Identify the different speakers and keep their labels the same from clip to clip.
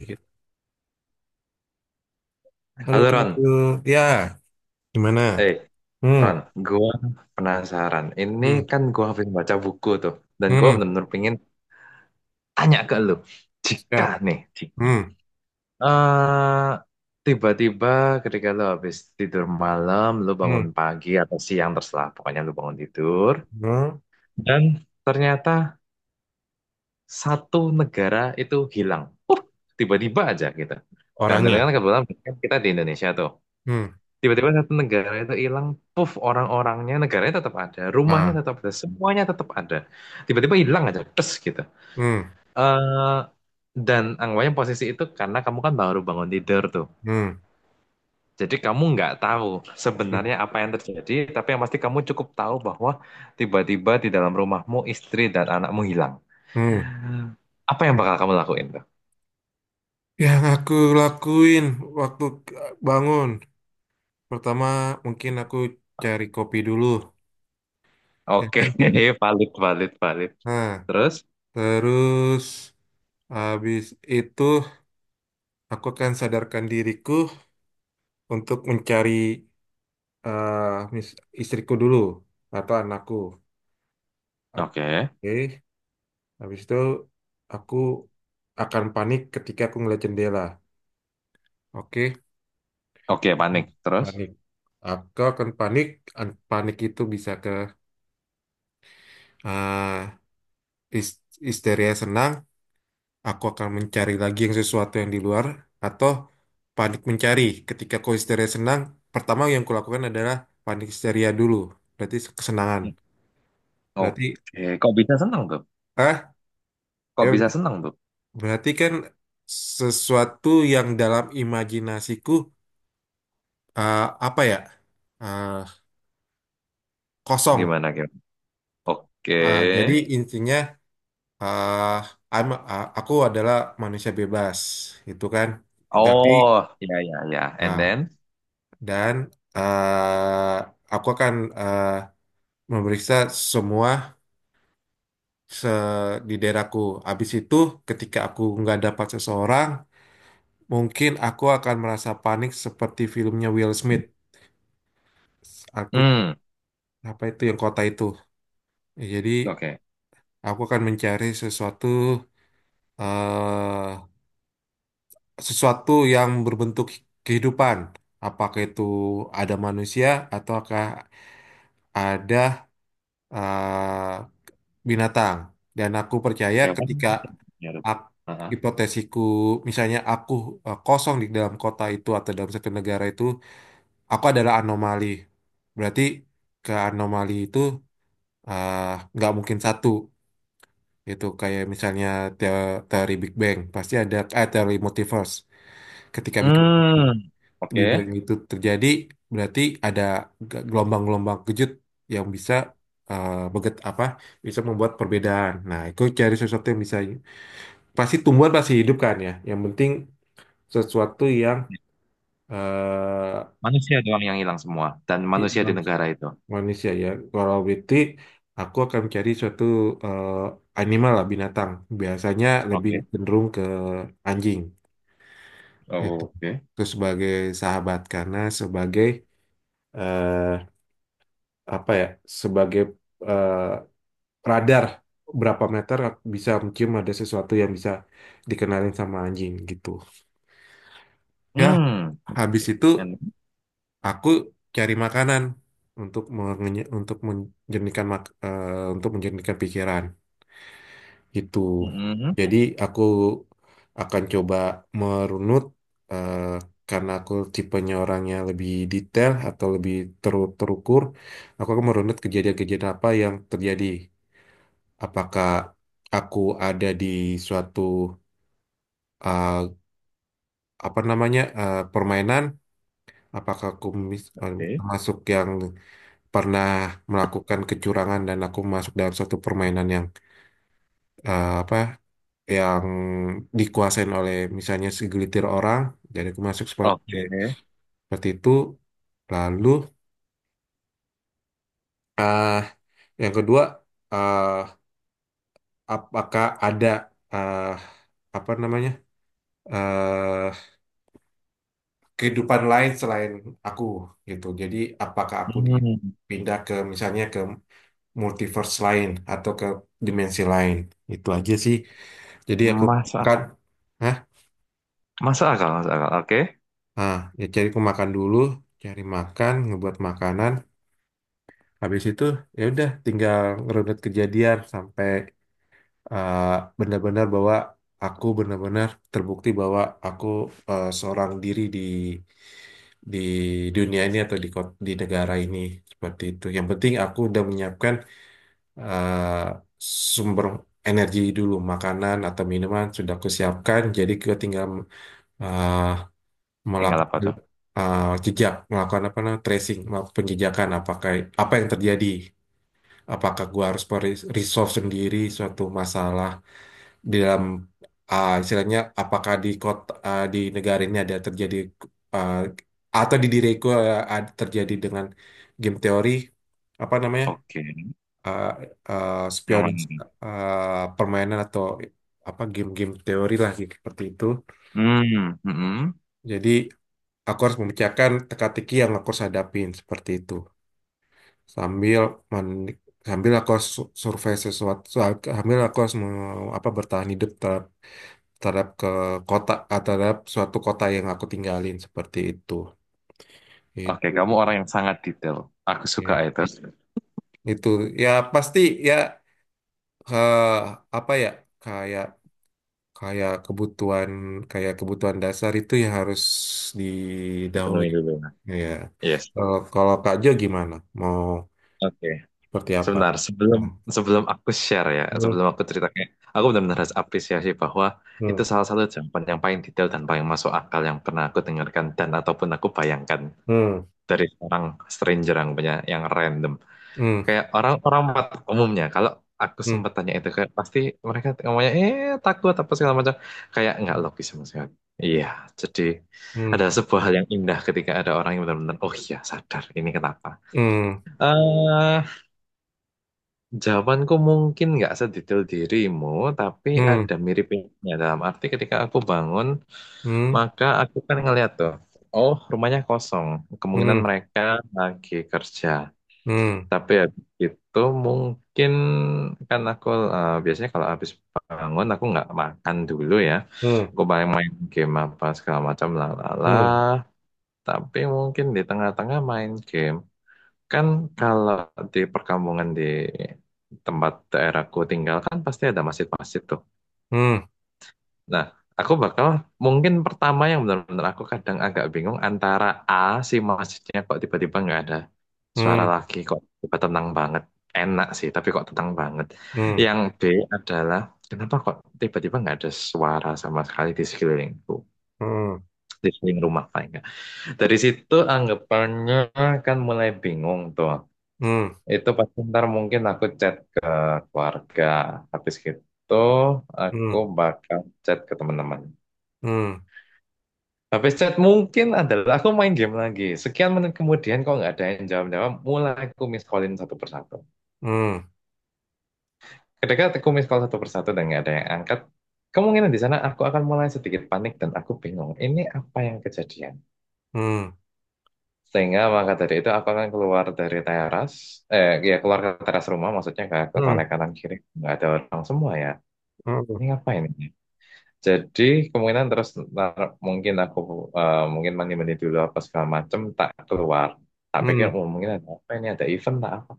Speaker 1: Gitu. Halo
Speaker 2: Halo
Speaker 1: Kak
Speaker 2: Ron,
Speaker 1: Abdul. Ya, gimana?
Speaker 2: eh
Speaker 1: Hmm.
Speaker 2: Ron, gua penasaran. Ini
Speaker 1: Hmm.
Speaker 2: kan gua habis baca buku tuh, dan gua
Speaker 1: Hmm.
Speaker 2: benar-benar pengen tanya ke lu. Jika
Speaker 1: Siap.
Speaker 2: nih, Cik.
Speaker 1: Hmm.
Speaker 2: eh tiba-tiba ketika lu habis tidur malam, lu
Speaker 1: Hmm.
Speaker 2: bangun pagi atau siang terserah, pokoknya lu bangun tidur,
Speaker 1: Hmm.
Speaker 2: dan ternyata satu negara itu hilang. Uh, Tiba-tiba aja gitu. Dan
Speaker 1: Orangnya.
Speaker 2: ternyata kebetulan kita di Indonesia tuh.
Speaker 1: Hmm.
Speaker 2: Tiba-tiba satu negara itu hilang, puff orang-orangnya negaranya tetap ada, rumahnya
Speaker 1: Nah.
Speaker 2: tetap ada, semuanya tetap ada. Tiba-tiba hilang aja, terus gitu.
Speaker 1: Hmm.
Speaker 2: eh dan anggapannya posisi itu karena kamu kan baru bangun tidur tuh.
Speaker 1: Hmm.
Speaker 2: Jadi kamu nggak tahu
Speaker 1: Hmm.
Speaker 2: sebenarnya apa yang terjadi, tapi yang pasti kamu cukup tahu bahwa tiba-tiba di dalam rumahmu istri dan anakmu hilang.
Speaker 1: Hmm.
Speaker 2: Apa yang bakal kamu lakuin tuh?
Speaker 1: Yang aku lakuin waktu bangun, pertama mungkin aku cari kopi dulu, ya
Speaker 2: Oke,
Speaker 1: kan?
Speaker 2: valid, valid, valid.
Speaker 1: Nah,
Speaker 2: Terus,
Speaker 1: terus habis itu aku akan sadarkan diriku untuk mencari eh, mis- istriku dulu atau anakku.
Speaker 2: oke,
Speaker 1: Oke, habis itu aku akan panik ketika aku ngeliat jendela. Oke,
Speaker 2: oke, panik. Terus.
Speaker 1: panik. Aku akan panik. Panik itu bisa ke eh, his- histeria senang. Aku akan mencari lagi yang sesuatu yang di luar atau panik mencari. Ketika aku histeria senang, pertama yang kulakukan adalah panik histeria dulu. Berarti kesenangan. Berarti
Speaker 2: Oke, kok bisa seneng tuh?
Speaker 1: ah, ya
Speaker 2: Kok bisa
Speaker 1: berarti
Speaker 2: seneng tuh?
Speaker 1: berarti kan sesuatu yang dalam imajinasiku, eh, apa ya? eh, Kosong.
Speaker 2: Gimana gimana?
Speaker 1: Jadi
Speaker 2: Oke.
Speaker 1: intinya, eh, aku adalah manusia bebas, itu kan. Tapi
Speaker 2: Oh, ya ya ya. And
Speaker 1: nah,
Speaker 2: then,
Speaker 1: dan eh, aku akan eh, memeriksa semua se- di daerahku. Habis itu, ketika aku nggak dapat seseorang, mungkin aku akan merasa panik seperti filmnya Will Smith. Aku
Speaker 2: hmm,
Speaker 1: apa itu yang kota itu. Jadi
Speaker 2: oke.
Speaker 1: aku akan mencari sesuatu, eh sesuatu yang berbentuk kehidupan. Apakah itu ada manusia ataukah ada eh, binatang. Dan aku percaya
Speaker 2: Hewan
Speaker 1: ketika
Speaker 2: ya.
Speaker 1: ak-
Speaker 2: Heeh.
Speaker 1: hipotesisku, misalnya aku kosong di dalam kota itu atau dalam satu negara itu, aku adalah anomali. Berarti ke anomali itu eh, nggak mungkin satu. Itu kayak misalnya teori Big Bang. Pasti ada teori multiverse ketika Big Bang.
Speaker 2: Hmm,
Speaker 1: Lebih baik
Speaker 2: oke.
Speaker 1: itu terjadi berarti ada gelombang-gelombang kejut yang bisa, beget apa, bisa membuat perbedaan. Nah, itu cari sesuatu yang bisa, pasti tumbuhan pasti hidup kan ya. Yang penting sesuatu yang eh,
Speaker 2: Manusia doang yang hilang semua dan
Speaker 1: i-
Speaker 2: manusia di
Speaker 1: man-
Speaker 2: negara itu.
Speaker 1: manusia ya. Kalau berarti aku akan cari suatu animal lah binatang. Biasanya lebih
Speaker 2: Oke.
Speaker 1: cenderung ke anjing.
Speaker 2: Oke.
Speaker 1: Itu sebagai sahabat karena sebagai, eh, apa ya, sebagai eh, radar berapa meter bisa mencium ada sesuatu yang bisa dikenalin sama anjing gitu. Ya,
Speaker 2: Hmm.
Speaker 1: habis
Speaker 2: Oke.
Speaker 1: itu
Speaker 2: And
Speaker 1: aku cari makanan untuk menjernihkan untuk menjernihkan pikiran gitu.
Speaker 2: hmm,
Speaker 1: Jadi aku akan coba merunut, eh, karena aku tipenya orangnya lebih detail atau lebih terukur. Aku akan merunut kejadian-kejadian apa yang terjadi, apakah aku ada di suatu uh, apa namanya, permainan, apakah aku
Speaker 2: oke.
Speaker 1: termasuk yang pernah melakukan kecurangan dan aku masuk dalam suatu permainan yang, apa yang dikuasain oleh misalnya segelitir orang, jadi aku masuk seperti
Speaker 2: Oke.
Speaker 1: seperti itu. Lalu uh, yang kedua, uh, apakah ada, uh, apa namanya, eh, kehidupan lain selain aku gitu. Jadi apakah aku
Speaker 2: Hmm.
Speaker 1: dipindah ke misalnya ke multiverse lain atau ke dimensi lain. Itu aja sih. Jadi aku
Speaker 2: Masuk
Speaker 1: makan. Hah?
Speaker 2: masuk akal, masuk akal. Oke.
Speaker 1: Ah, ya cari aku makan dulu, cari makan, ngebuat makanan. Habis itu ya udah tinggal ngerunut kejadian sampai eh, benar-benar bahwa aku benar-benar terbukti bahwa aku seorang diri di dunia ini atau di negara ini seperti itu. Yang penting aku udah menyiapkan eh, sumber energi dulu, makanan atau minuman sudah aku siapkan. Jadi kita tinggal eh,
Speaker 2: Tinggal
Speaker 1: melakukan
Speaker 2: apa tuh?
Speaker 1: jejak, melakukan apa namanya, tracing, melakukan penjejakan apakah apa yang terjadi. Apakah gua harus resolve sendiri suatu masalah di dalam, istilahnya apakah di kota, di negara ini ada terjadi, uh, atau di diriku, ada terjadi dengan game teori apa namanya,
Speaker 2: Oke.
Speaker 1: uh,
Speaker 2: Yang
Speaker 1: spion,
Speaker 2: mana? Nih?
Speaker 1: permainan atau apa game-game teori lah gitu, seperti itu.
Speaker 2: Hmm. Hmm.
Speaker 1: Jadi aku harus memecahkan teka-teki yang aku harus hadapin seperti itu, sambil men- sambil aku harus survei sesuatu, sambil aku harus apa, bertahan hidup dalam, terhadap ke kota, terhadap suatu kota yang aku tinggalin seperti itu.
Speaker 2: Oke, kamu
Speaker 1: Itu
Speaker 2: orang yang sangat detail. Aku suka
Speaker 1: ya,
Speaker 2: itu.
Speaker 1: itu ya pasti ya, eh, apa ya, kayak kayak kebutuhan, kayak kebutuhan dasar itu ya harus didahului
Speaker 2: Dipenuhi dulu.
Speaker 1: ya.
Speaker 2: Yes.
Speaker 1: Kalau kalau Kak Jo gimana, mau
Speaker 2: Oke.
Speaker 1: seperti apa?
Speaker 2: Sebentar, sebelum
Speaker 1: Nah.
Speaker 2: sebelum aku share ya,
Speaker 1: Hmm.
Speaker 2: sebelum aku ceritakan, aku benar-benar harus apresiasi bahwa itu
Speaker 1: Hmm.
Speaker 2: salah satu jawaban yang paling detail dan paling masuk akal yang pernah aku dengarkan dan ataupun aku bayangkan
Speaker 1: Hmm.
Speaker 2: dari orang stranger yang punya yang random. Kayak orang orang umumnya kalau aku
Speaker 1: Hmm.
Speaker 2: sempat tanya itu kayak pasti mereka ngomongnya takut apa segala macam kayak nggak logis sama sekali. Iya, jadi ada
Speaker 1: Hmm.
Speaker 2: sebuah hal yang indah ketika ada orang yang benar-benar oh iya sadar ini kenapa.
Speaker 1: Hmm.
Speaker 2: Eh, Jawabanku mungkin nggak sedetail dirimu, tapi
Speaker 1: Hmm.
Speaker 2: ada miripnya dalam arti ketika aku bangun
Speaker 1: Hmm.
Speaker 2: maka aku kan ngeliat tuh, oh rumahnya kosong, kemungkinan
Speaker 1: Hmm.
Speaker 2: mereka lagi kerja.
Speaker 1: Hmm.
Speaker 2: Tapi habis itu mungkin kan aku biasanya kalau habis bangun aku nggak makan dulu ya.
Speaker 1: Hmm.
Speaker 2: Aku paling main game apa segala macam lalala.
Speaker 1: Hmm.
Speaker 2: Tapi mungkin di tengah-tengah main game. Kan kalau di perkampungan di tempat daerahku tinggal kan pasti ada masjid-masjid tuh.
Speaker 1: Hmm. Hmm.
Speaker 2: Nah, aku bakal mungkin pertama yang benar-benar aku kadang agak bingung antara A si masjidnya kok tiba-tiba nggak ada suara
Speaker 1: Hmm.
Speaker 2: lagi kok tiba tenang banget. Enak sih, tapi kok tenang banget.
Speaker 1: Hmm.
Speaker 2: Yang B adalah kenapa kok tiba-tiba nggak ada suara sama sekali di sekelilingku, di sekeliling rumah paling nggak. Dari situ anggapannya kan mulai bingung tuh. Itu pasti ntar mungkin aku chat ke keluarga. Habis gitu aku bakal chat ke teman-teman. Habis chat mungkin adalah aku main game lagi. Sekian menit kemudian kok nggak ada yang jawab-jawab, mulai aku miss callin satu persatu. Ketika aku miss call satu persatu dan nggak ada yang angkat, kemungkinan di sana aku akan mulai sedikit panik dan aku bingung. Ini apa yang kejadian?
Speaker 1: うん、うん、うん、うん、うん、うん、うん、うん、うん、うん、betul
Speaker 2: Sehingga maka dari itu aku akan keluar dari teras, ya keluar ke teras rumah maksudnya ke toilet kanan kiri. Nggak ada orang semua ya. Ini apa ini? Jadi kemungkinan terus ntar mungkin aku mungkin mandi-mandi dulu apa segala macem tak keluar. Tak pikir oh, mungkin ada apa ini ada event tak apa.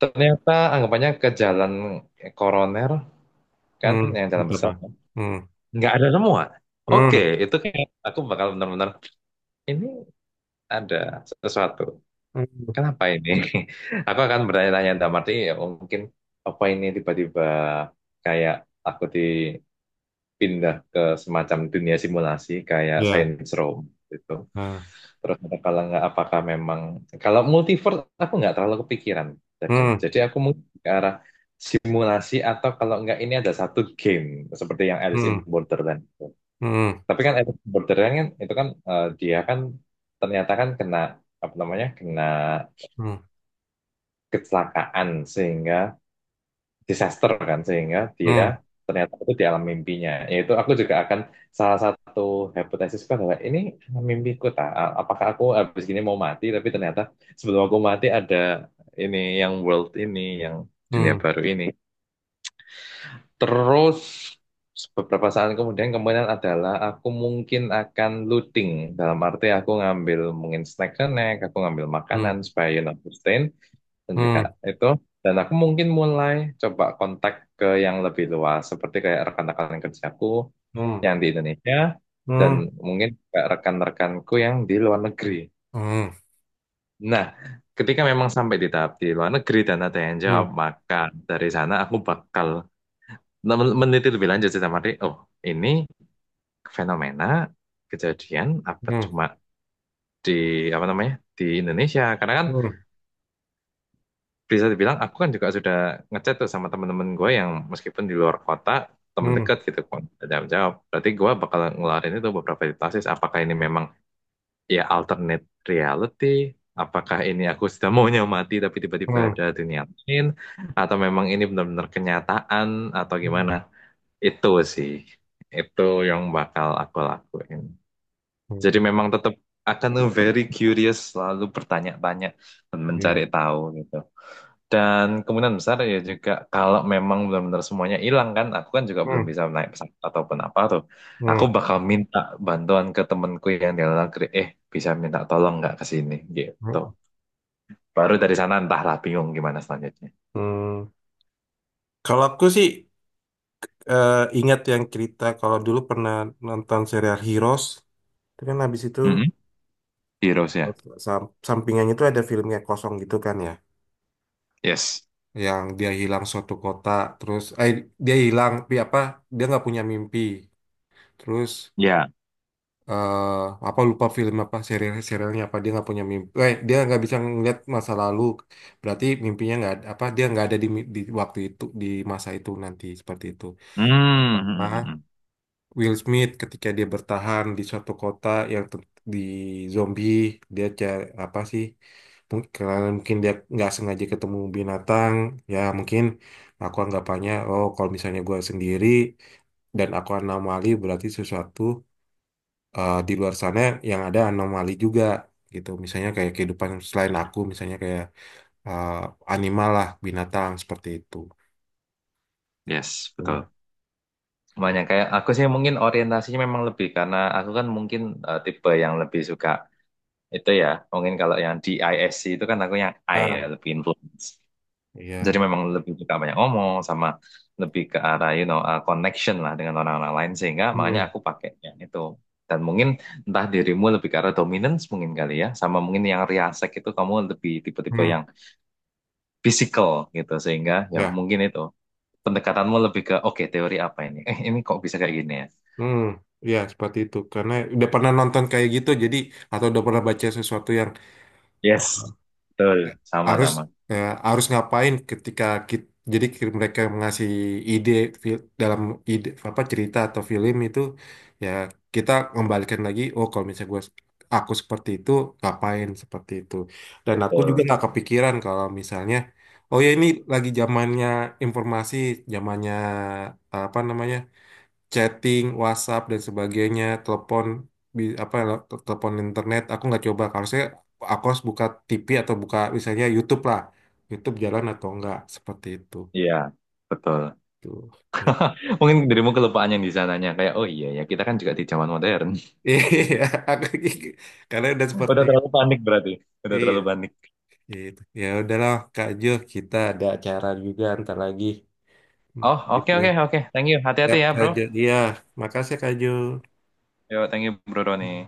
Speaker 2: Ternyata anggapannya ke jalan Koroner kan yang jalan besar
Speaker 1: Pak.
Speaker 2: kan.
Speaker 1: Hmm.
Speaker 2: Nggak ada semua. Oke,
Speaker 1: Hmm.
Speaker 2: itu kayak aku bakal benar-benar ini ada sesuatu.
Speaker 1: Hmm.
Speaker 2: Kenapa ini? Aku akan bertanya-tanya dalam arti ya mungkin apa ini tiba-tiba kayak aku di pindah ke semacam dunia simulasi kayak
Speaker 1: Ya.
Speaker 2: Saints Row gitu.
Speaker 1: Ah.
Speaker 2: Terus ada kalau nggak apakah memang kalau multiverse aku nggak terlalu kepikiran. Jadi
Speaker 1: Hmm.
Speaker 2: jadi aku mungkin ke arah simulasi atau kalau nggak ini ada satu game seperti yang Alice in
Speaker 1: Hmm.
Speaker 2: Borderland.
Speaker 1: Hmm.
Speaker 2: Tapi kan Alice in Borderland kan itu kan eh, dia kan ternyata kan kena apa namanya kena
Speaker 1: Hmm.
Speaker 2: kecelakaan sehingga disaster kan sehingga dia
Speaker 1: Hmm.
Speaker 2: ternyata itu di alam mimpinya yaitu aku juga akan salah satu hipotesisku adalah ini alam mimpiku tak apakah aku habis gini mau mati tapi ternyata sebelum aku mati ada ini yang world ini yang dunia
Speaker 1: Hmm.
Speaker 2: baru ini terus beberapa saat kemudian kemungkinan adalah aku mungkin akan looting dalam arti aku ngambil mungkin snack snack aku ngambil
Speaker 1: Hmm.
Speaker 2: makanan supaya sustain dan juga
Speaker 1: Hmm.
Speaker 2: itu dan aku mungkin mulai coba kontak ke yang lebih luas seperti kayak rekan-rekan kerjaku yang di Indonesia dan
Speaker 1: Hmm. Hmm.
Speaker 2: mungkin kayak rekan-rekanku yang di luar negeri. Nah, ketika memang sampai di tahap di luar negeri dan ada yang
Speaker 1: Hmm.
Speaker 2: jawab, maka dari sana aku bakal meneliti lebih lanjut sih sama dia. Oh, ini fenomena kejadian
Speaker 1: Hmm.
Speaker 2: apa
Speaker 1: Hmm. Hmm.
Speaker 2: cuma di apa namanya di Indonesia karena kan
Speaker 1: Hmm.
Speaker 2: bisa dibilang aku kan juga sudah ngechat tuh sama temen-temen gue yang meskipun di luar kota temen
Speaker 1: Hmm.
Speaker 2: dekat gitu kan jawab jawab berarti gue bakal ngeluarin itu beberapa hipotesis apakah ini memang ya alternate reality apakah ini aku sudah maunya mati tapi tiba-tiba
Speaker 1: Hmm.
Speaker 2: ada dunia lain atau memang ini benar-benar kenyataan atau gimana itu sih itu yang bakal aku lakuin jadi
Speaker 1: Hmm.
Speaker 2: memang tetap akan very curious selalu bertanya-tanya dan mencari
Speaker 1: Iya.
Speaker 2: tahu gitu dan kemungkinan besar ya juga kalau memang benar-benar semuanya hilang kan, aku kan juga belum
Speaker 1: Hmm.
Speaker 2: bisa naik pesawat ataupun apa tuh. Aku
Speaker 1: Hmm.
Speaker 2: bakal minta bantuan ke temenku yang di luar negeri, bisa minta tolong nggak ke sini gitu.
Speaker 1: Hmm.
Speaker 2: Baru dari sana entahlah bingung gimana selanjutnya.
Speaker 1: Hmm. Kalau aku sih, ingat yang cerita kalau dulu pernah nonton serial Heroes, itu kan habis itu
Speaker 2: Mm-mm. Heroes ya.
Speaker 1: sampingannya itu ada filmnya kosong gitu kan ya,
Speaker 2: Yes.
Speaker 1: yang dia hilang suatu kota. Terus dia hilang, tapi apa dia nggak punya mimpi. Terus
Speaker 2: Ya.
Speaker 1: eh apa lupa film apa serial serialnya, apa dia nggak punya mimpi, dia nggak bisa ngeliat masa lalu, berarti mimpinya nggak ada- apa dia nggak ada di, di waktu itu di masa itu nanti seperti itu,
Speaker 2: Hmm.
Speaker 1: sama.
Speaker 2: Hmm, hmm, hmm.
Speaker 1: Will Smith ketika dia bertahan di suatu kota yang di zombie, dia cari apa sih, mungkin karena mungkin dia nggak sengaja ketemu binatang. Ya mungkin aku anggapannya oh kalau misalnya gue sendiri dan aku anomali, berarti sesuatu di luar sana yang ada anomali juga gitu, misalnya kayak kehidupan selain aku, misalnya kayak eh, animal lah binatang seperti itu.
Speaker 2: Yes,
Speaker 1: Tuh.
Speaker 2: betul. Makanya kayak aku sih mungkin orientasinya memang lebih karena aku kan mungkin tipe yang lebih suka itu ya. Mungkin kalau yang di ISC itu kan aku yang I ya,
Speaker 1: Ah,
Speaker 2: lebih influence. Jadi
Speaker 1: iya.
Speaker 2: memang lebih suka banyak ngomong sama lebih ke arah connection lah dengan orang-orang lain sehingga makanya
Speaker 1: Hmm.
Speaker 2: aku pakainya itu. Dan mungkin entah dirimu lebih ke arah dominance mungkin kali ya sama mungkin yang riasek itu kamu lebih tipe-tipe
Speaker 1: Hmm.
Speaker 2: yang physical gitu sehingga ya
Speaker 1: Ya.
Speaker 2: mungkin itu pendekatanmu lebih ke oke teori apa ini? Eh ini kok bisa kayak gini ya?
Speaker 1: Hmm, ya seperti itu. Karena udah pernah nonton kayak gitu, jadi atau udah pernah baca sesuatu yang
Speaker 2: Yes. Betul,
Speaker 1: harus,
Speaker 2: sama-sama.
Speaker 1: harus ngapain ketika kita, jadi mereka ngasih ide, dalam ide apa cerita atau film itu, ya kita kembalikan lagi. Oh, kalau misalnya gua aku seperti itu ngapain seperti itu. Dan aku juga
Speaker 2: Betul.
Speaker 1: nggak kepikiran kalau misalnya, oh ya ini lagi zamannya informasi, zamannya apa namanya? Chatting, WhatsApp dan sebagainya, telepon apa telepon internet aku nggak coba. Harusnya aku harus buka TV atau buka misalnya YouTube lah. YouTube jalan atau enggak seperti itu.
Speaker 2: Iya, betul.
Speaker 1: Tuh.
Speaker 2: Mungkin dirimu kelupaan yang di sananya kayak oh iya ya kita kan juga di zaman modern.
Speaker 1: Iya, aku karena udah seperti
Speaker 2: Udah
Speaker 1: itu.
Speaker 2: terlalu panik berarti. Udah
Speaker 1: Iya,
Speaker 2: terlalu panik.
Speaker 1: gitu. Ya udahlah Kak Jo, kita ada acara juga ntar lagi. Hmm.
Speaker 2: Oh, oke,
Speaker 1: Gitu.
Speaker 2: oke, oke. Thank you. Hati-hati
Speaker 1: Yap,
Speaker 2: ya,
Speaker 1: Kak
Speaker 2: bro.
Speaker 1: Jo. Iya, makasih ya, Kak Jo.
Speaker 2: Yo, thank you, bro Roni.